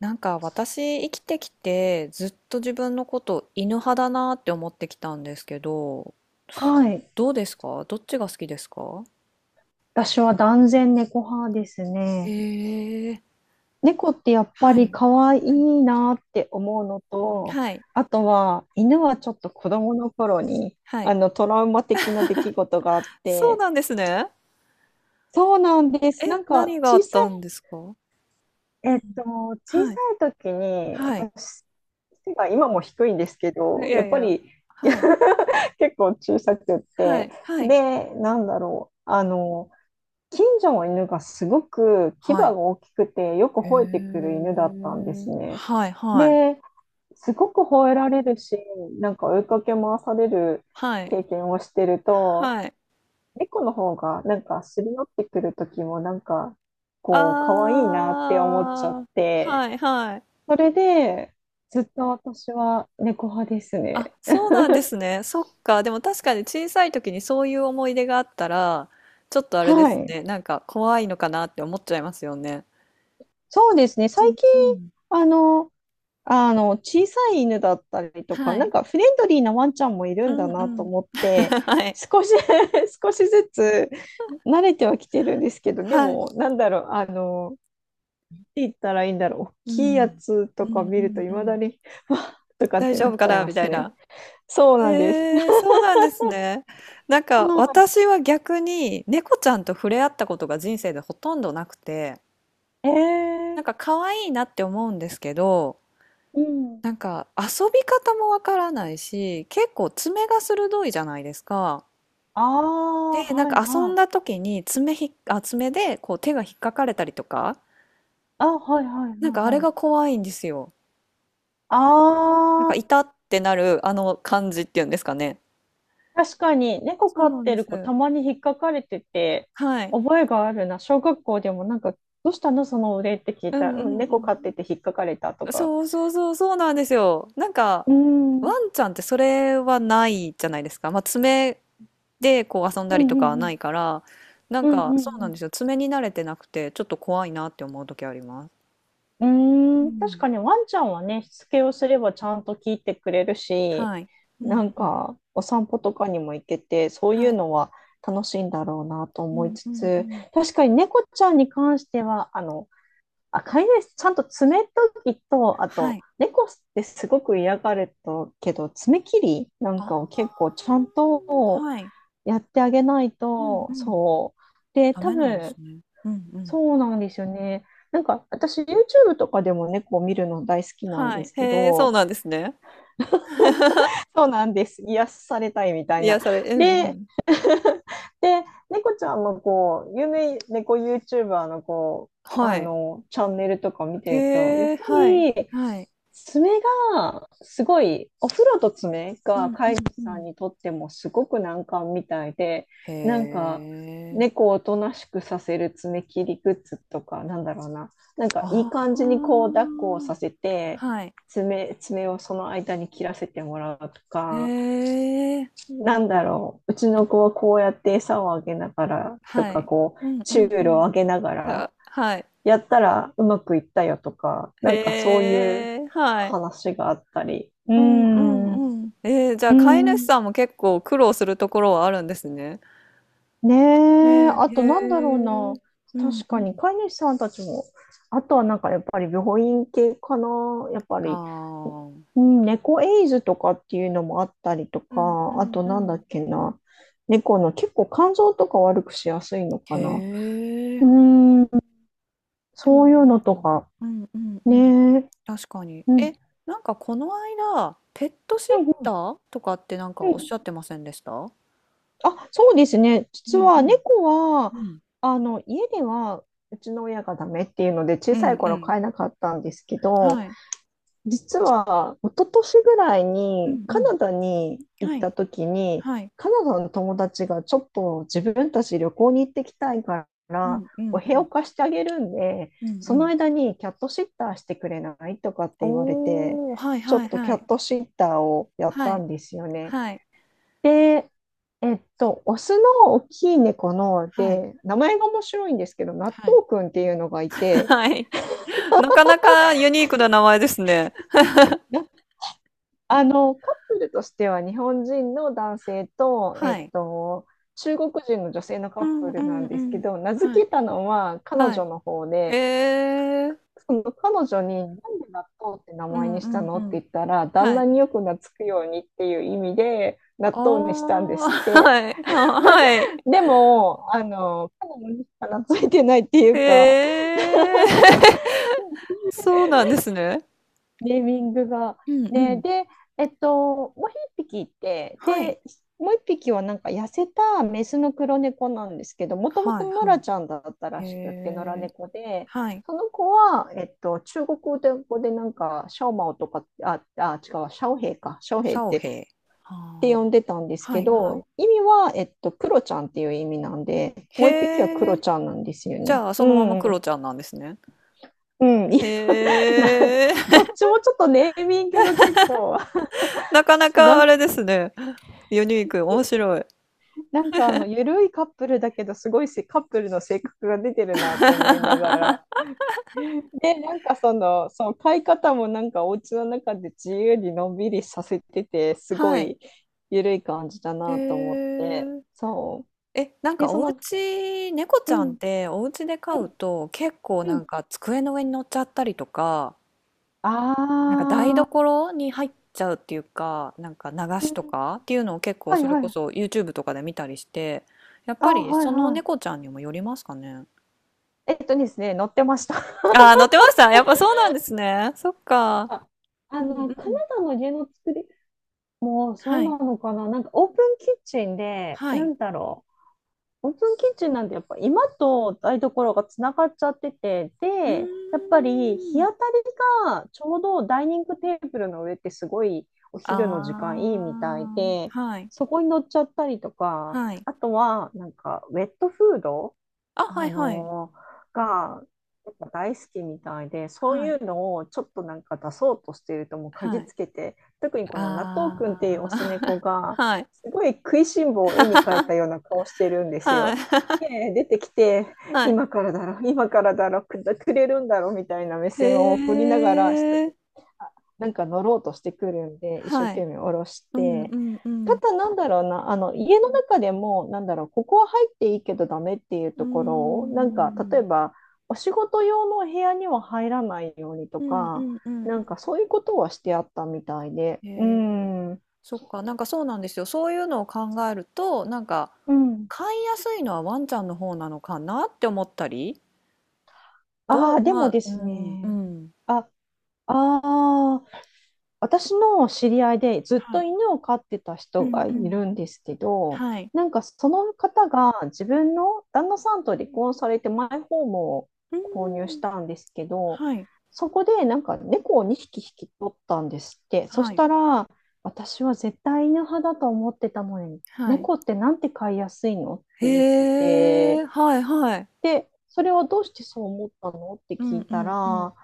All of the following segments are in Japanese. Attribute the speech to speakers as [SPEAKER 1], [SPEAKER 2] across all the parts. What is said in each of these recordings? [SPEAKER 1] なんか私生きてきてずっと自分のこと犬派だなって思ってきたんですけど、
[SPEAKER 2] はい。
[SPEAKER 1] どうですかどっちが好きですか？
[SPEAKER 2] 私は断然猫派です
[SPEAKER 1] へ
[SPEAKER 2] ね。
[SPEAKER 1] え、
[SPEAKER 2] 猫ってやっぱ
[SPEAKER 1] はい。
[SPEAKER 2] り
[SPEAKER 1] うん
[SPEAKER 2] 可愛
[SPEAKER 1] うん
[SPEAKER 2] いなって思うのと、
[SPEAKER 1] はい。
[SPEAKER 2] あとは犬はちょっと子供の頃に
[SPEAKER 1] はい。
[SPEAKER 2] トラウマ的な出来事があっ
[SPEAKER 1] そう
[SPEAKER 2] て、
[SPEAKER 1] なんですね。
[SPEAKER 2] そうなんで
[SPEAKER 1] え、
[SPEAKER 2] す。なんか
[SPEAKER 1] 何があったんですか？
[SPEAKER 2] い、
[SPEAKER 1] う
[SPEAKER 2] え
[SPEAKER 1] ん。
[SPEAKER 2] っと、小さ
[SPEAKER 1] はい。
[SPEAKER 2] い時に
[SPEAKER 1] はい。
[SPEAKER 2] 私、背が今も低いんですけ
[SPEAKER 1] い
[SPEAKER 2] ど、や
[SPEAKER 1] や
[SPEAKER 2] っ
[SPEAKER 1] い
[SPEAKER 2] ぱ
[SPEAKER 1] や。
[SPEAKER 2] り
[SPEAKER 1] はい。
[SPEAKER 2] 結構小さくっ
[SPEAKER 1] は
[SPEAKER 2] て、
[SPEAKER 1] い。はい。
[SPEAKER 2] で、近所の犬がすごく牙
[SPEAKER 1] は
[SPEAKER 2] が
[SPEAKER 1] い。
[SPEAKER 2] 大きくてよく
[SPEAKER 1] へ
[SPEAKER 2] 吠えてくる犬だったんで
[SPEAKER 1] え。
[SPEAKER 2] すね。
[SPEAKER 1] はい。はい。
[SPEAKER 2] で、すごく吠えられるし、なんか追いかけ回される
[SPEAKER 1] はい。
[SPEAKER 2] 経験をしてると、
[SPEAKER 1] はい。
[SPEAKER 2] 猫の方がなんかすり寄ってくる時もなんかこう可愛いなって思っちゃっ
[SPEAKER 1] あー。
[SPEAKER 2] て、
[SPEAKER 1] はい。はい。
[SPEAKER 2] それでずっと私は猫派です
[SPEAKER 1] あ、
[SPEAKER 2] ね。
[SPEAKER 1] そうなんですね。そっか。でも確かに小さい時にそういう思い出があったら、ちょっとあれで
[SPEAKER 2] は
[SPEAKER 1] す
[SPEAKER 2] い。
[SPEAKER 1] ね。なんか怖いのかなって思っちゃいますよね。
[SPEAKER 2] そうですね。
[SPEAKER 1] うん
[SPEAKER 2] 最近、
[SPEAKER 1] うん。
[SPEAKER 2] あの、小さい犬だったりとか、
[SPEAKER 1] は
[SPEAKER 2] なん
[SPEAKER 1] い。
[SPEAKER 2] かフレンドリーなワンちゃんもいる
[SPEAKER 1] う
[SPEAKER 2] ん
[SPEAKER 1] ん
[SPEAKER 2] だ
[SPEAKER 1] う
[SPEAKER 2] なと
[SPEAKER 1] ん。
[SPEAKER 2] 思っ て、
[SPEAKER 1] はい。
[SPEAKER 2] 少し 少しずつ慣れてはきてるんですけど、で
[SPEAKER 1] はい。
[SPEAKER 2] も、って言ったらいいんだろう、大
[SPEAKER 1] う
[SPEAKER 2] きいや
[SPEAKER 1] ん。
[SPEAKER 2] つと
[SPEAKER 1] う
[SPEAKER 2] か
[SPEAKER 1] ん
[SPEAKER 2] 見
[SPEAKER 1] う
[SPEAKER 2] ると、
[SPEAKER 1] ん
[SPEAKER 2] い
[SPEAKER 1] う
[SPEAKER 2] まだ
[SPEAKER 1] ん。
[SPEAKER 2] に、わっとかっ
[SPEAKER 1] 大
[SPEAKER 2] て
[SPEAKER 1] 丈
[SPEAKER 2] な
[SPEAKER 1] 夫
[SPEAKER 2] っち
[SPEAKER 1] か
[SPEAKER 2] ゃい
[SPEAKER 1] な
[SPEAKER 2] ま
[SPEAKER 1] みた
[SPEAKER 2] す
[SPEAKER 1] い
[SPEAKER 2] ね。
[SPEAKER 1] な。
[SPEAKER 2] そうなんです。
[SPEAKER 1] えー、そうなんですね。なんか
[SPEAKER 2] あ
[SPEAKER 1] 私は逆に猫ちゃんと触れ合ったことが人生でほとんどなくて、
[SPEAKER 2] ー、え
[SPEAKER 1] な
[SPEAKER 2] ー、
[SPEAKER 1] んか可愛いなって思うんですけど、
[SPEAKER 2] うん。
[SPEAKER 1] なんか遊び方もわからないし、結構爪が鋭いじゃないですか。
[SPEAKER 2] ああ、
[SPEAKER 1] で、なん
[SPEAKER 2] はい
[SPEAKER 1] か遊
[SPEAKER 2] は
[SPEAKER 1] んだ
[SPEAKER 2] い。
[SPEAKER 1] 時に爪ひっ、あ、爪でこう手が引っかかれたりとか、
[SPEAKER 2] あ、はいはいは
[SPEAKER 1] なんかあ
[SPEAKER 2] い
[SPEAKER 1] れ
[SPEAKER 2] はい。
[SPEAKER 1] が怖いんですよ。
[SPEAKER 2] あ
[SPEAKER 1] なんか
[SPEAKER 2] あ。
[SPEAKER 1] 痛ってなるあの感じっていうんですかね。
[SPEAKER 2] 確かに、猫
[SPEAKER 1] そ
[SPEAKER 2] 飼
[SPEAKER 1] う
[SPEAKER 2] っ
[SPEAKER 1] なん
[SPEAKER 2] て
[SPEAKER 1] で
[SPEAKER 2] る子
[SPEAKER 1] す。
[SPEAKER 2] たまに引っかかれてて、
[SPEAKER 1] はい。
[SPEAKER 2] 覚えがあるな。小学校でもなんか、どうしたのそのお礼って聞い
[SPEAKER 1] う
[SPEAKER 2] た
[SPEAKER 1] ん
[SPEAKER 2] ら、うん、
[SPEAKER 1] う
[SPEAKER 2] 猫飼っ
[SPEAKER 1] ん
[SPEAKER 2] てて引っかかれたと
[SPEAKER 1] うん。
[SPEAKER 2] か。
[SPEAKER 1] そうそうそうそうなんですよ。なんか
[SPEAKER 2] うーん、うん、
[SPEAKER 1] ワンちゃんってそれはないじゃないですか。まあ爪で、こう遊んだ
[SPEAKER 2] う
[SPEAKER 1] りとかはな
[SPEAKER 2] ん、
[SPEAKER 1] いから、なん
[SPEAKER 2] うん、う
[SPEAKER 1] かそう
[SPEAKER 2] ん、う
[SPEAKER 1] なん
[SPEAKER 2] ん
[SPEAKER 1] ですよ。爪に慣れてなくて、ちょっと怖いなって思う時あります。
[SPEAKER 2] う
[SPEAKER 1] う
[SPEAKER 2] ん。うーん、確
[SPEAKER 1] ん。
[SPEAKER 2] かにワンちゃんはね、しつけをすればちゃんと聞いてくれるし、
[SPEAKER 1] はい。う
[SPEAKER 2] な
[SPEAKER 1] ん
[SPEAKER 2] ん
[SPEAKER 1] うん。
[SPEAKER 2] か、お散歩とかにも行けて、そうい
[SPEAKER 1] は
[SPEAKER 2] う
[SPEAKER 1] い。
[SPEAKER 2] のは楽しいんだろうなと
[SPEAKER 1] う
[SPEAKER 2] 思い
[SPEAKER 1] ん
[SPEAKER 2] つ
[SPEAKER 1] うんう
[SPEAKER 2] つ、
[SPEAKER 1] ん。
[SPEAKER 2] 確かに猫ちゃんに関しては、飼い主、ちゃんと爪研ぎと、あ
[SPEAKER 1] は
[SPEAKER 2] と、
[SPEAKER 1] い。
[SPEAKER 2] 猫ってすごく嫌がるとけど、爪切りなんかを
[SPEAKER 1] あ
[SPEAKER 2] 結構ちゃん
[SPEAKER 1] あ、
[SPEAKER 2] と
[SPEAKER 1] はい。
[SPEAKER 2] やってあげない
[SPEAKER 1] うん
[SPEAKER 2] と、
[SPEAKER 1] うん。
[SPEAKER 2] そう。で、
[SPEAKER 1] ダ
[SPEAKER 2] 多
[SPEAKER 1] メなんです
[SPEAKER 2] 分、
[SPEAKER 1] ね。うんうん。
[SPEAKER 2] そうなんですよね。なんか、私、YouTube とかでも猫を見るの大好きなん
[SPEAKER 1] は
[SPEAKER 2] で
[SPEAKER 1] い。
[SPEAKER 2] すけ
[SPEAKER 1] へえ、そう
[SPEAKER 2] ど、
[SPEAKER 1] なんですね。
[SPEAKER 2] そうなんです。癒されたいみたい
[SPEAKER 1] い
[SPEAKER 2] な。
[SPEAKER 1] やそれうんう
[SPEAKER 2] で、
[SPEAKER 1] ん。
[SPEAKER 2] で、猫ちゃんのこう、有名猫 YouTuber のこう、
[SPEAKER 1] はい。
[SPEAKER 2] チャンネルとか見て
[SPEAKER 1] へ
[SPEAKER 2] ると、やっぱ
[SPEAKER 1] え、はい。
[SPEAKER 2] り、
[SPEAKER 1] はい。
[SPEAKER 2] 爪すごい、お風呂と爪
[SPEAKER 1] う
[SPEAKER 2] が
[SPEAKER 1] んう
[SPEAKER 2] 飼い主
[SPEAKER 1] んう
[SPEAKER 2] さん
[SPEAKER 1] ん。
[SPEAKER 2] にとってもすごく難関みたいで、なん
[SPEAKER 1] へ
[SPEAKER 2] か、
[SPEAKER 1] え。
[SPEAKER 2] 猫をおとなしくさせる爪切りグッズとか、なんだろうな、なんかいい
[SPEAKER 1] あ
[SPEAKER 2] 感
[SPEAKER 1] あ。
[SPEAKER 2] じにこう、抱っこをさせて、
[SPEAKER 1] はい。
[SPEAKER 2] 爪をその間に切らせてもらうとか、
[SPEAKER 1] へえ。
[SPEAKER 2] うちの子はこうやって餌をあげながらと
[SPEAKER 1] は
[SPEAKER 2] か、
[SPEAKER 1] い。
[SPEAKER 2] こう、
[SPEAKER 1] うんう
[SPEAKER 2] チュ
[SPEAKER 1] ん
[SPEAKER 2] ー
[SPEAKER 1] う
[SPEAKER 2] ル
[SPEAKER 1] ん。
[SPEAKER 2] をあげながら、
[SPEAKER 1] あ、はい。
[SPEAKER 2] やったらうまくいったよとか、なんかそういう
[SPEAKER 1] へえ、はい。
[SPEAKER 2] 話があったり、うー
[SPEAKER 1] うんう
[SPEAKER 2] ん。う
[SPEAKER 1] んうん。えー、じゃ
[SPEAKER 2] ー
[SPEAKER 1] あ飼い主
[SPEAKER 2] ん。
[SPEAKER 1] さんも結構苦労するところはあるんですね。
[SPEAKER 2] ねえ、
[SPEAKER 1] ね
[SPEAKER 2] あ
[SPEAKER 1] え、へ
[SPEAKER 2] となんだろう
[SPEAKER 1] え。
[SPEAKER 2] な。
[SPEAKER 1] うん
[SPEAKER 2] 確
[SPEAKER 1] う
[SPEAKER 2] かに
[SPEAKER 1] ん。
[SPEAKER 2] 飼い主さんたちも、あとはなんかやっぱり病院系かな。やっぱ
[SPEAKER 1] あ
[SPEAKER 2] り、
[SPEAKER 1] あ。
[SPEAKER 2] うん猫エイズとかっていうのもあったりと
[SPEAKER 1] うんう
[SPEAKER 2] か、あ
[SPEAKER 1] ん
[SPEAKER 2] と
[SPEAKER 1] う
[SPEAKER 2] なんだっ
[SPEAKER 1] ん。
[SPEAKER 2] けな。猫の結構肝臓とか悪くしやすいの
[SPEAKER 1] へ
[SPEAKER 2] かな。うー
[SPEAKER 1] え。
[SPEAKER 2] ん、
[SPEAKER 1] でも
[SPEAKER 2] そうい
[SPEAKER 1] な
[SPEAKER 2] う
[SPEAKER 1] ん
[SPEAKER 2] のと
[SPEAKER 1] か、
[SPEAKER 2] か。
[SPEAKER 1] うんうんう
[SPEAKER 2] ねえ。う
[SPEAKER 1] ん。
[SPEAKER 2] ん。
[SPEAKER 1] 確かに。
[SPEAKER 2] う
[SPEAKER 1] え、
[SPEAKER 2] ん
[SPEAKER 1] なんかこの間、ペットシッ
[SPEAKER 2] う
[SPEAKER 1] タ
[SPEAKER 2] ん
[SPEAKER 1] ーとかってなんか
[SPEAKER 2] う
[SPEAKER 1] おっし
[SPEAKER 2] ん
[SPEAKER 1] ゃってませんでした？
[SPEAKER 2] あ、そうですね。
[SPEAKER 1] う
[SPEAKER 2] 実
[SPEAKER 1] んう
[SPEAKER 2] は
[SPEAKER 1] ん。
[SPEAKER 2] 猫は、
[SPEAKER 1] うん。
[SPEAKER 2] 家ではうちの親がダメっていうので、小
[SPEAKER 1] う
[SPEAKER 2] さ
[SPEAKER 1] ん
[SPEAKER 2] い
[SPEAKER 1] う
[SPEAKER 2] 頃
[SPEAKER 1] ん。
[SPEAKER 2] 飼えなかったんですけど、
[SPEAKER 1] はい。
[SPEAKER 2] 実は一昨年ぐらい
[SPEAKER 1] う
[SPEAKER 2] に
[SPEAKER 1] んう
[SPEAKER 2] カ
[SPEAKER 1] ん。
[SPEAKER 2] ナダに行っ
[SPEAKER 1] はい。
[SPEAKER 2] た時に、
[SPEAKER 1] はい。
[SPEAKER 2] カナダの友達がちょっと自分たち旅行に行ってきたいか
[SPEAKER 1] う
[SPEAKER 2] ら、
[SPEAKER 1] んう
[SPEAKER 2] お
[SPEAKER 1] ん
[SPEAKER 2] 部
[SPEAKER 1] う
[SPEAKER 2] 屋を
[SPEAKER 1] ん。
[SPEAKER 2] 貸してあげるんで、
[SPEAKER 1] うんう
[SPEAKER 2] その
[SPEAKER 1] ん。
[SPEAKER 2] 間にキャットシッターしてくれないとかって言われて、
[SPEAKER 1] おお、はい
[SPEAKER 2] ちょ
[SPEAKER 1] はい
[SPEAKER 2] っとキ
[SPEAKER 1] は
[SPEAKER 2] ャ
[SPEAKER 1] い。
[SPEAKER 2] ットシッターをやっ
[SPEAKER 1] は
[SPEAKER 2] た
[SPEAKER 1] い。
[SPEAKER 2] んですよね。
[SPEAKER 1] はい。
[SPEAKER 2] で、オスの大きい猫の
[SPEAKER 1] はい。
[SPEAKER 2] で、名前が面白いんですけど、納
[SPEAKER 1] はい。
[SPEAKER 2] 豆くんっていうのがい て、
[SPEAKER 1] はい。なかなかユニークな名前ですね。
[SPEAKER 2] なあの、カップルとしては日本人の男性と、
[SPEAKER 1] はい。
[SPEAKER 2] 中国人の女性のカ
[SPEAKER 1] う
[SPEAKER 2] ッ
[SPEAKER 1] ん
[SPEAKER 2] プ
[SPEAKER 1] う
[SPEAKER 2] ルな
[SPEAKER 1] ん
[SPEAKER 2] ん
[SPEAKER 1] う
[SPEAKER 2] ですけ
[SPEAKER 1] ん。
[SPEAKER 2] ど、名付
[SPEAKER 1] はい。
[SPEAKER 2] けたのは彼
[SPEAKER 1] はい。
[SPEAKER 2] 女の方
[SPEAKER 1] へ
[SPEAKER 2] で、
[SPEAKER 1] え。
[SPEAKER 2] その彼女になんで納豆って名
[SPEAKER 1] う
[SPEAKER 2] 前
[SPEAKER 1] ん
[SPEAKER 2] に
[SPEAKER 1] う
[SPEAKER 2] した
[SPEAKER 1] んう
[SPEAKER 2] のって
[SPEAKER 1] ん。
[SPEAKER 2] 言ったら、旦
[SPEAKER 1] は
[SPEAKER 2] 那
[SPEAKER 1] い。
[SPEAKER 2] によく懐くようにっていう意味で、
[SPEAKER 1] あ
[SPEAKER 2] 納豆にしたんですっ
[SPEAKER 1] あ、
[SPEAKER 2] て。
[SPEAKER 1] はい。あ、はい。
[SPEAKER 2] でも、彼女にしか懐いてないっていうか、
[SPEAKER 1] へえ。そうなんですね。
[SPEAKER 2] ネーミングが。
[SPEAKER 1] うんう
[SPEAKER 2] ね、
[SPEAKER 1] ん。
[SPEAKER 2] で、えっと、もう一匹いて、
[SPEAKER 1] はい。
[SPEAKER 2] で、もう一匹はなんか痩せたメスの黒猫なんですけど、もとも
[SPEAKER 1] は
[SPEAKER 2] と
[SPEAKER 1] い
[SPEAKER 2] 野
[SPEAKER 1] は
[SPEAKER 2] 良
[SPEAKER 1] い。
[SPEAKER 2] ちゃんだったら
[SPEAKER 1] へ
[SPEAKER 2] しくって、野良
[SPEAKER 1] え。
[SPEAKER 2] 猫で、
[SPEAKER 1] はい。
[SPEAKER 2] その子は、中国語でなんか、シャオマオとか、あ、違う、シャオヘイか、シャオヘ
[SPEAKER 1] シ
[SPEAKER 2] イっ
[SPEAKER 1] ャオ
[SPEAKER 2] て、っ
[SPEAKER 1] ヘイ。
[SPEAKER 2] て
[SPEAKER 1] ああ。
[SPEAKER 2] 呼んでたんです
[SPEAKER 1] は
[SPEAKER 2] け
[SPEAKER 1] いはい。
[SPEAKER 2] ど、意味は、クロちゃんっていう意味なんで、もう一匹はク
[SPEAKER 1] へ
[SPEAKER 2] ロ
[SPEAKER 1] え。
[SPEAKER 2] ちゃんなんですよ
[SPEAKER 1] じ
[SPEAKER 2] ね。
[SPEAKER 1] ゃあ、そ
[SPEAKER 2] う
[SPEAKER 1] のままク
[SPEAKER 2] ん、
[SPEAKER 1] ロちゃんなんですね。
[SPEAKER 2] うん、いや
[SPEAKER 1] へ
[SPEAKER 2] な
[SPEAKER 1] え。
[SPEAKER 2] どっちもちょっとネーミングが結構
[SPEAKER 1] なかな
[SPEAKER 2] な
[SPEAKER 1] か
[SPEAKER 2] ん
[SPEAKER 1] あ
[SPEAKER 2] か、
[SPEAKER 1] れですね。ユニーク、面白い。
[SPEAKER 2] なんかゆるいカップルだけど、すごいせカップルの性格が出てるなと思いながら。で、なんかその買い方もなんかお家の中で自由にのんびりさせてて、すご
[SPEAKER 1] はい。
[SPEAKER 2] いゆるい感じだ
[SPEAKER 1] へ
[SPEAKER 2] なと思って。
[SPEAKER 1] え。
[SPEAKER 2] そう。
[SPEAKER 1] え、なん
[SPEAKER 2] で、
[SPEAKER 1] かお家、猫ち
[SPEAKER 2] う
[SPEAKER 1] ゃんっ
[SPEAKER 2] ん、
[SPEAKER 1] てお家で飼
[SPEAKER 2] う
[SPEAKER 1] うと結構
[SPEAKER 2] ん、う
[SPEAKER 1] な
[SPEAKER 2] ん。
[SPEAKER 1] んか机の上に乗っちゃったりとか、
[SPEAKER 2] あ
[SPEAKER 1] なんか台
[SPEAKER 2] ー、
[SPEAKER 1] 所に入っちゃうっていうか、なんか流
[SPEAKER 2] う
[SPEAKER 1] し
[SPEAKER 2] ん
[SPEAKER 1] とかっていうのを結構
[SPEAKER 2] はい
[SPEAKER 1] それ
[SPEAKER 2] は
[SPEAKER 1] こ
[SPEAKER 2] い。
[SPEAKER 1] そ YouTube とかで見たりして、やっ
[SPEAKER 2] あ
[SPEAKER 1] ぱ
[SPEAKER 2] ー、
[SPEAKER 1] り
[SPEAKER 2] はい
[SPEAKER 1] その
[SPEAKER 2] は
[SPEAKER 1] 猫ちゃんにもよりますかね。
[SPEAKER 2] い。えっとですね、乗ってました。
[SPEAKER 1] ああ、乗ってました。やっぱそうなんですね。そっか。うんう
[SPEAKER 2] カナ
[SPEAKER 1] ん。
[SPEAKER 2] ダの家の作りもうそ
[SPEAKER 1] は
[SPEAKER 2] う
[SPEAKER 1] い。
[SPEAKER 2] なのかな。なんかオープンキッチンで、
[SPEAKER 1] は
[SPEAKER 2] な
[SPEAKER 1] い。
[SPEAKER 2] んだろう。オープンキッチンなんてやっぱ今と台所がつながっちゃってて、
[SPEAKER 1] うー
[SPEAKER 2] で、やっぱり日
[SPEAKER 1] ん。
[SPEAKER 2] 当たりがちょうどダイニングテーブルの上ってすごいお
[SPEAKER 1] あ
[SPEAKER 2] 昼の時間いいみたいで、
[SPEAKER 1] あ、はい。
[SPEAKER 2] そこに乗っちゃったりとか、
[SPEAKER 1] はい。
[SPEAKER 2] あとはなんかウェットフード
[SPEAKER 1] あ、は
[SPEAKER 2] あ
[SPEAKER 1] いはい。
[SPEAKER 2] のがやっぱ大好きみたいで、そう
[SPEAKER 1] は
[SPEAKER 2] い
[SPEAKER 1] い。
[SPEAKER 2] うのをちょっとなんか出そうとしているともう嗅
[SPEAKER 1] は
[SPEAKER 2] ぎ
[SPEAKER 1] い。
[SPEAKER 2] つけて、特にこの納豆くんっていう
[SPEAKER 1] あ
[SPEAKER 2] オ
[SPEAKER 1] あ、
[SPEAKER 2] ス猫 が、
[SPEAKER 1] はい。
[SPEAKER 2] すごい食いしん坊を絵に描いたよう な顔してるんです
[SPEAKER 1] はい。
[SPEAKER 2] よ。で、出てきて、
[SPEAKER 1] はい。
[SPEAKER 2] 今からだろ、今からだろ、くれるんだろみたいな目線を送り
[SPEAKER 1] へ
[SPEAKER 2] ながら、下に
[SPEAKER 1] え。
[SPEAKER 2] あなんか乗ろうとしてくるんで、一生
[SPEAKER 1] はい。
[SPEAKER 2] 懸命下ろし
[SPEAKER 1] うん
[SPEAKER 2] て、
[SPEAKER 1] うんう
[SPEAKER 2] た
[SPEAKER 1] ん。
[SPEAKER 2] だなんだろうな、あの家の中でも、なんだろう、ここは入っていいけどダメっていう
[SPEAKER 1] うー
[SPEAKER 2] ところを、なんか例え
[SPEAKER 1] ん。
[SPEAKER 2] ば、お仕事用の部屋には入らないようにと
[SPEAKER 1] うんう
[SPEAKER 2] か、
[SPEAKER 1] んうん
[SPEAKER 2] なん
[SPEAKER 1] う
[SPEAKER 2] かそういうことはしてあったみたいで、
[SPEAKER 1] ん。
[SPEAKER 2] う
[SPEAKER 1] へえ。
[SPEAKER 2] ん、う
[SPEAKER 1] そっか、なんかそうなんですよ。そういうのを考えると、なんか、
[SPEAKER 2] ん。
[SPEAKER 1] 飼いやすいのはワンちゃんの方なのかなって思ったり。ど
[SPEAKER 2] ああ、
[SPEAKER 1] う
[SPEAKER 2] で
[SPEAKER 1] ま
[SPEAKER 2] も
[SPEAKER 1] あ、
[SPEAKER 2] で
[SPEAKER 1] う
[SPEAKER 2] す
[SPEAKER 1] ん、う
[SPEAKER 2] ね、
[SPEAKER 1] ん。
[SPEAKER 2] あ、あ私の知り合いでずっ
[SPEAKER 1] は
[SPEAKER 2] と
[SPEAKER 1] い。
[SPEAKER 2] 犬を飼ってた
[SPEAKER 1] う
[SPEAKER 2] 人
[SPEAKER 1] ん
[SPEAKER 2] が
[SPEAKER 1] う
[SPEAKER 2] い
[SPEAKER 1] ん。
[SPEAKER 2] るんですけど、
[SPEAKER 1] はい。
[SPEAKER 2] なんかその方が自分の旦那さんと離婚されてマイホームを
[SPEAKER 1] う
[SPEAKER 2] 購入し
[SPEAKER 1] ーん。
[SPEAKER 2] たんですけど、
[SPEAKER 1] はい、
[SPEAKER 2] そこでなんか猫を2匹引き取ったんですって。そし
[SPEAKER 1] はい。
[SPEAKER 2] たら、私は絶対犬派だと思ってたのに、
[SPEAKER 1] はい。
[SPEAKER 2] 猫ってなんて飼いやすいのって言って
[SPEAKER 1] へ
[SPEAKER 2] て、
[SPEAKER 1] え、はいはい。
[SPEAKER 2] で、それはどうしてそう思ったのって
[SPEAKER 1] うん
[SPEAKER 2] 聞
[SPEAKER 1] う
[SPEAKER 2] いた
[SPEAKER 1] んう
[SPEAKER 2] ら、
[SPEAKER 1] ん。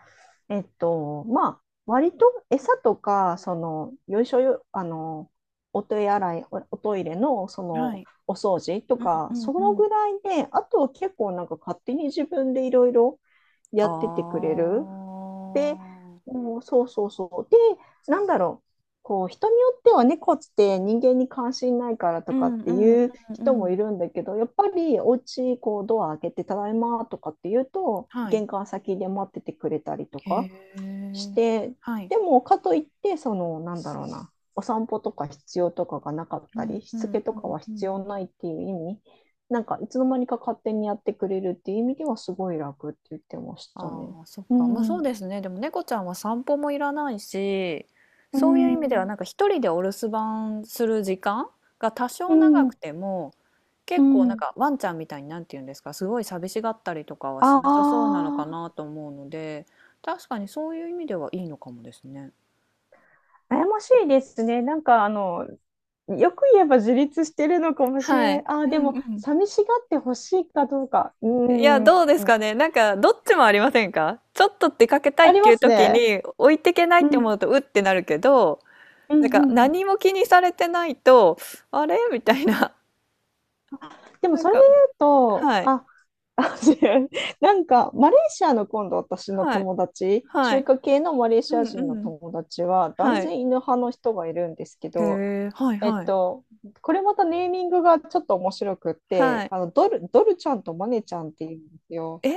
[SPEAKER 2] まあ、割と餌とか、その、よいしょよ、あの、お手洗い、お、おトイレの、
[SPEAKER 1] はい。
[SPEAKER 2] お掃除と
[SPEAKER 1] うん
[SPEAKER 2] か、
[SPEAKER 1] う
[SPEAKER 2] そ
[SPEAKER 1] ん
[SPEAKER 2] の
[SPEAKER 1] うん。
[SPEAKER 2] ぐらいで、あとは結構なんか勝手に自分でいろいろや
[SPEAKER 1] ああ。
[SPEAKER 2] っててくれる。で、うんそうそうそう。で、なんだろう。こう、人によってはね猫って人間に関心ないから
[SPEAKER 1] う
[SPEAKER 2] とか
[SPEAKER 1] ん
[SPEAKER 2] って
[SPEAKER 1] うんうん
[SPEAKER 2] いう
[SPEAKER 1] う
[SPEAKER 2] 人もい
[SPEAKER 1] ん。
[SPEAKER 2] るんだけど、やっぱりお家、こう、ドア開けて、ただいまとかって言うと、
[SPEAKER 1] はい。
[SPEAKER 2] 玄関先で待っててくれたりと
[SPEAKER 1] へ
[SPEAKER 2] か。し
[SPEAKER 1] え。
[SPEAKER 2] て、
[SPEAKER 1] はい。
[SPEAKER 2] でもかといって、なんだろうな、お散歩とか必要とかがなかっ
[SPEAKER 1] う
[SPEAKER 2] た
[SPEAKER 1] ん
[SPEAKER 2] り、し
[SPEAKER 1] う
[SPEAKER 2] つ
[SPEAKER 1] ん
[SPEAKER 2] け
[SPEAKER 1] う
[SPEAKER 2] とか
[SPEAKER 1] ん
[SPEAKER 2] は
[SPEAKER 1] う
[SPEAKER 2] 必
[SPEAKER 1] ん。
[SPEAKER 2] 要ないっていう意味、なんかいつの間にか勝手にやってくれるっていう意味ではすごい楽って言ってました
[SPEAKER 1] あ
[SPEAKER 2] ね。
[SPEAKER 1] あ、そっ
[SPEAKER 2] う
[SPEAKER 1] か。まあ
[SPEAKER 2] ん、
[SPEAKER 1] そう
[SPEAKER 2] う
[SPEAKER 1] ですね。でも猫ちゃんは散歩もいらないし、
[SPEAKER 2] ん、
[SPEAKER 1] そういう意味ではなんか一人でお留守番する時間が多
[SPEAKER 2] う
[SPEAKER 1] 少長く
[SPEAKER 2] ん、
[SPEAKER 1] ても、
[SPEAKER 2] う
[SPEAKER 1] 結構なん
[SPEAKER 2] ん。
[SPEAKER 1] かワンちゃんみたいになんて言うんですか、すごい寂しがったりとかはし
[SPEAKER 2] あ
[SPEAKER 1] なさそうなのかな
[SPEAKER 2] あ、
[SPEAKER 1] と思うので、確かにそういう意味ではいいのかもですね。
[SPEAKER 2] 悩ましいですね。よく言えば自立してるのかもしれ
[SPEAKER 1] は
[SPEAKER 2] な
[SPEAKER 1] い。
[SPEAKER 2] い。ああ、
[SPEAKER 1] う
[SPEAKER 2] で
[SPEAKER 1] ん
[SPEAKER 2] も、
[SPEAKER 1] うん。
[SPEAKER 2] 寂しがってほしいかどうか。う
[SPEAKER 1] いや、
[SPEAKER 2] ーん。
[SPEAKER 1] どうですかね。なんか、どっちもありませんか？ちょっと出かけたいっ
[SPEAKER 2] あり
[SPEAKER 1] てい
[SPEAKER 2] ま
[SPEAKER 1] う
[SPEAKER 2] す
[SPEAKER 1] 時
[SPEAKER 2] ね。
[SPEAKER 1] に、置いてけないっ
[SPEAKER 2] う
[SPEAKER 1] て
[SPEAKER 2] ん、
[SPEAKER 1] 思うと、うってなるけど、
[SPEAKER 2] う
[SPEAKER 1] なん
[SPEAKER 2] ん、
[SPEAKER 1] か、
[SPEAKER 2] うん。
[SPEAKER 1] 何も気にされてないと、あれ？みたいな。
[SPEAKER 2] で も
[SPEAKER 1] なん
[SPEAKER 2] それで
[SPEAKER 1] か
[SPEAKER 2] 言うと、
[SPEAKER 1] はい、
[SPEAKER 2] あ、あ違うなんかマレーシアの今度私の
[SPEAKER 1] はい、
[SPEAKER 2] 友達、
[SPEAKER 1] は
[SPEAKER 2] 中
[SPEAKER 1] い。
[SPEAKER 2] 華系のマレー
[SPEAKER 1] う
[SPEAKER 2] シ
[SPEAKER 1] ん
[SPEAKER 2] ア人の
[SPEAKER 1] うん。
[SPEAKER 2] 友達は断
[SPEAKER 1] はい。
[SPEAKER 2] 然犬派の人がいるんですけ
[SPEAKER 1] へ
[SPEAKER 2] ど、
[SPEAKER 1] え、はい
[SPEAKER 2] えっ
[SPEAKER 1] はい。
[SPEAKER 2] と、これまたネーミングがちょっと面白くっ
[SPEAKER 1] は
[SPEAKER 2] て、
[SPEAKER 1] い。
[SPEAKER 2] ドルちゃんとマネちゃんって言うんですよ。
[SPEAKER 1] え？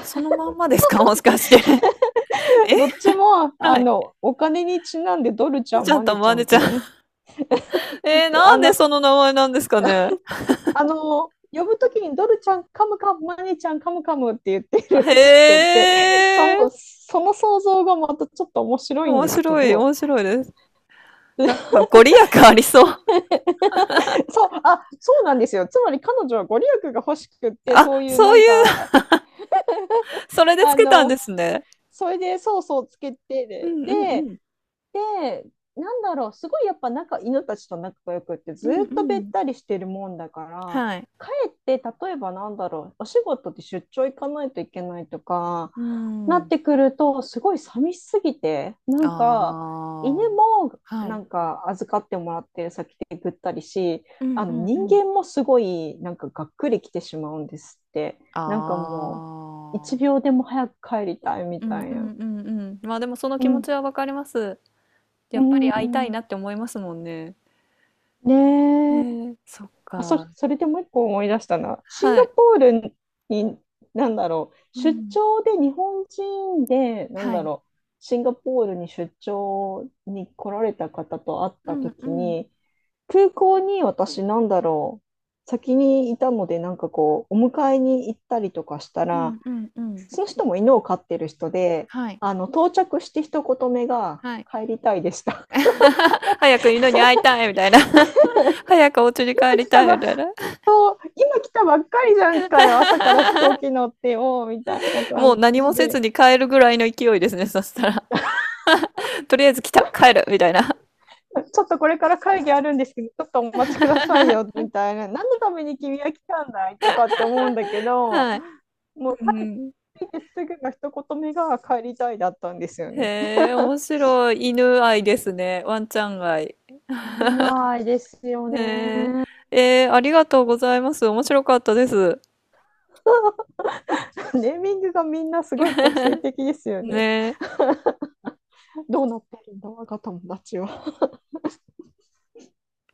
[SPEAKER 1] そのまんまですか？もしかして。え？
[SPEAKER 2] どっちも
[SPEAKER 1] はい。
[SPEAKER 2] お金にちなんでドルちゃ
[SPEAKER 1] ち
[SPEAKER 2] ん、
[SPEAKER 1] ゃん
[SPEAKER 2] マ
[SPEAKER 1] と
[SPEAKER 2] ネ
[SPEAKER 1] 思
[SPEAKER 2] ちゃ
[SPEAKER 1] わ
[SPEAKER 2] んっ
[SPEAKER 1] ちゃん
[SPEAKER 2] て
[SPEAKER 1] えー、な
[SPEAKER 2] あ
[SPEAKER 1] んで
[SPEAKER 2] の
[SPEAKER 1] その名前なんですかね？
[SPEAKER 2] 呼ぶときにドルちゃんカムカム、マニーちゃんカムカムって言ってるらしく
[SPEAKER 1] へ
[SPEAKER 2] て、
[SPEAKER 1] え。
[SPEAKER 2] その想像がまたちょっと面白いん
[SPEAKER 1] 面
[SPEAKER 2] ですけ
[SPEAKER 1] 白い、
[SPEAKER 2] ど、
[SPEAKER 1] 面白いです。なんかご利益ありそう。
[SPEAKER 2] そう、あ、そうなんですよ。つまり彼女はご利益が欲しくっ て、
[SPEAKER 1] あ、
[SPEAKER 2] そういう
[SPEAKER 1] そ
[SPEAKER 2] な
[SPEAKER 1] う
[SPEAKER 2] ん
[SPEAKER 1] いう、
[SPEAKER 2] か、
[SPEAKER 1] それでつ
[SPEAKER 2] あ
[SPEAKER 1] けたんで
[SPEAKER 2] の、
[SPEAKER 1] すね。
[SPEAKER 2] それでソースをつけ
[SPEAKER 1] う
[SPEAKER 2] て、
[SPEAKER 1] んうんうん。
[SPEAKER 2] で、なんだろう、すごいやっぱ犬たちと仲が良くって
[SPEAKER 1] う
[SPEAKER 2] ず
[SPEAKER 1] ん
[SPEAKER 2] っと
[SPEAKER 1] う
[SPEAKER 2] べっ
[SPEAKER 1] ん。
[SPEAKER 2] たりしてるもんだから、
[SPEAKER 1] はい。
[SPEAKER 2] かえって例えばなんだろう、お仕事で出張行かないといけないとか、
[SPEAKER 1] う
[SPEAKER 2] なっ
[SPEAKER 1] ん。
[SPEAKER 2] てくると、すごい寂しすぎて、な
[SPEAKER 1] あ
[SPEAKER 2] んか、犬
[SPEAKER 1] あ、
[SPEAKER 2] も
[SPEAKER 1] は
[SPEAKER 2] な
[SPEAKER 1] い。
[SPEAKER 2] んか預かってもらってる先でぐったりし、
[SPEAKER 1] うん
[SPEAKER 2] あ
[SPEAKER 1] う
[SPEAKER 2] の
[SPEAKER 1] んう
[SPEAKER 2] 人
[SPEAKER 1] ん。
[SPEAKER 2] 間もすごいなんかがっくり来てしまうんですって。
[SPEAKER 1] あ
[SPEAKER 2] なんかもう、一
[SPEAKER 1] あ。
[SPEAKER 2] 秒でも早く帰りたいみ
[SPEAKER 1] う
[SPEAKER 2] た
[SPEAKER 1] ん
[SPEAKER 2] い
[SPEAKER 1] うん
[SPEAKER 2] な。
[SPEAKER 1] うんうん。まあでもその
[SPEAKER 2] う
[SPEAKER 1] 気持
[SPEAKER 2] ん。
[SPEAKER 1] ちはわかります。
[SPEAKER 2] う
[SPEAKER 1] やっぱり会いたい
[SPEAKER 2] ん。
[SPEAKER 1] なって思いますもんね。
[SPEAKER 2] ね、
[SPEAKER 1] ねえ。そっか。
[SPEAKER 2] それでもう一個思い出したな。シン
[SPEAKER 1] は
[SPEAKER 2] ガ
[SPEAKER 1] い。
[SPEAKER 2] ポールに、なんだろう、
[SPEAKER 1] う
[SPEAKER 2] 出
[SPEAKER 1] ん。
[SPEAKER 2] 張で日本人で、なん
[SPEAKER 1] は
[SPEAKER 2] だ
[SPEAKER 1] い。
[SPEAKER 2] ろう、シンガポールに出張に来られた方と会っ
[SPEAKER 1] う
[SPEAKER 2] た
[SPEAKER 1] んう
[SPEAKER 2] 時
[SPEAKER 1] ん
[SPEAKER 2] に、空港に私、なんだろう、先にいたので、なんかこう、お迎えに行ったりとかした
[SPEAKER 1] う
[SPEAKER 2] ら、
[SPEAKER 1] んうんうん。
[SPEAKER 2] その人も犬を飼ってる人で、
[SPEAKER 1] はい、
[SPEAKER 2] 到着して一言目が、
[SPEAKER 1] はい。
[SPEAKER 2] 帰りたいでした。
[SPEAKER 1] 早く犬に会いたいみたいな。早くお家 に
[SPEAKER 2] 今
[SPEAKER 1] 帰り
[SPEAKER 2] 来
[SPEAKER 1] た
[SPEAKER 2] た
[SPEAKER 1] い
[SPEAKER 2] ばっ
[SPEAKER 1] みたいな。
[SPEAKER 2] 今来たばっかりじゃんかよ、朝から飛行機乗ってよ、みたいな
[SPEAKER 1] も
[SPEAKER 2] 感
[SPEAKER 1] う何も
[SPEAKER 2] じ
[SPEAKER 1] せず
[SPEAKER 2] で、
[SPEAKER 1] に帰るぐらいの勢いですね、そしたら。とりあえず来た、帰るみたいな。
[SPEAKER 2] ちょっとこれから会議あるんですけど、ちょっとお待ちくださいよ、みたいな、何のために君は来たんだいとかって思うんだけど、
[SPEAKER 1] はい。
[SPEAKER 2] もう
[SPEAKER 1] う
[SPEAKER 2] 帰っ
[SPEAKER 1] ん。
[SPEAKER 2] てきてすぐの一言目が帰りたいだったんですよね。
[SPEAKER 1] へえ、面白い。犬愛ですね。ワンちゃん愛。
[SPEAKER 2] 犬愛ですよ
[SPEAKER 1] へえ、
[SPEAKER 2] ね。
[SPEAKER 1] えーありがとうございます。面白かったです。
[SPEAKER 2] ネーミングがみんなすごい個性的ですよね。
[SPEAKER 1] ねえ。
[SPEAKER 2] どうなってるんだ、我が友達は。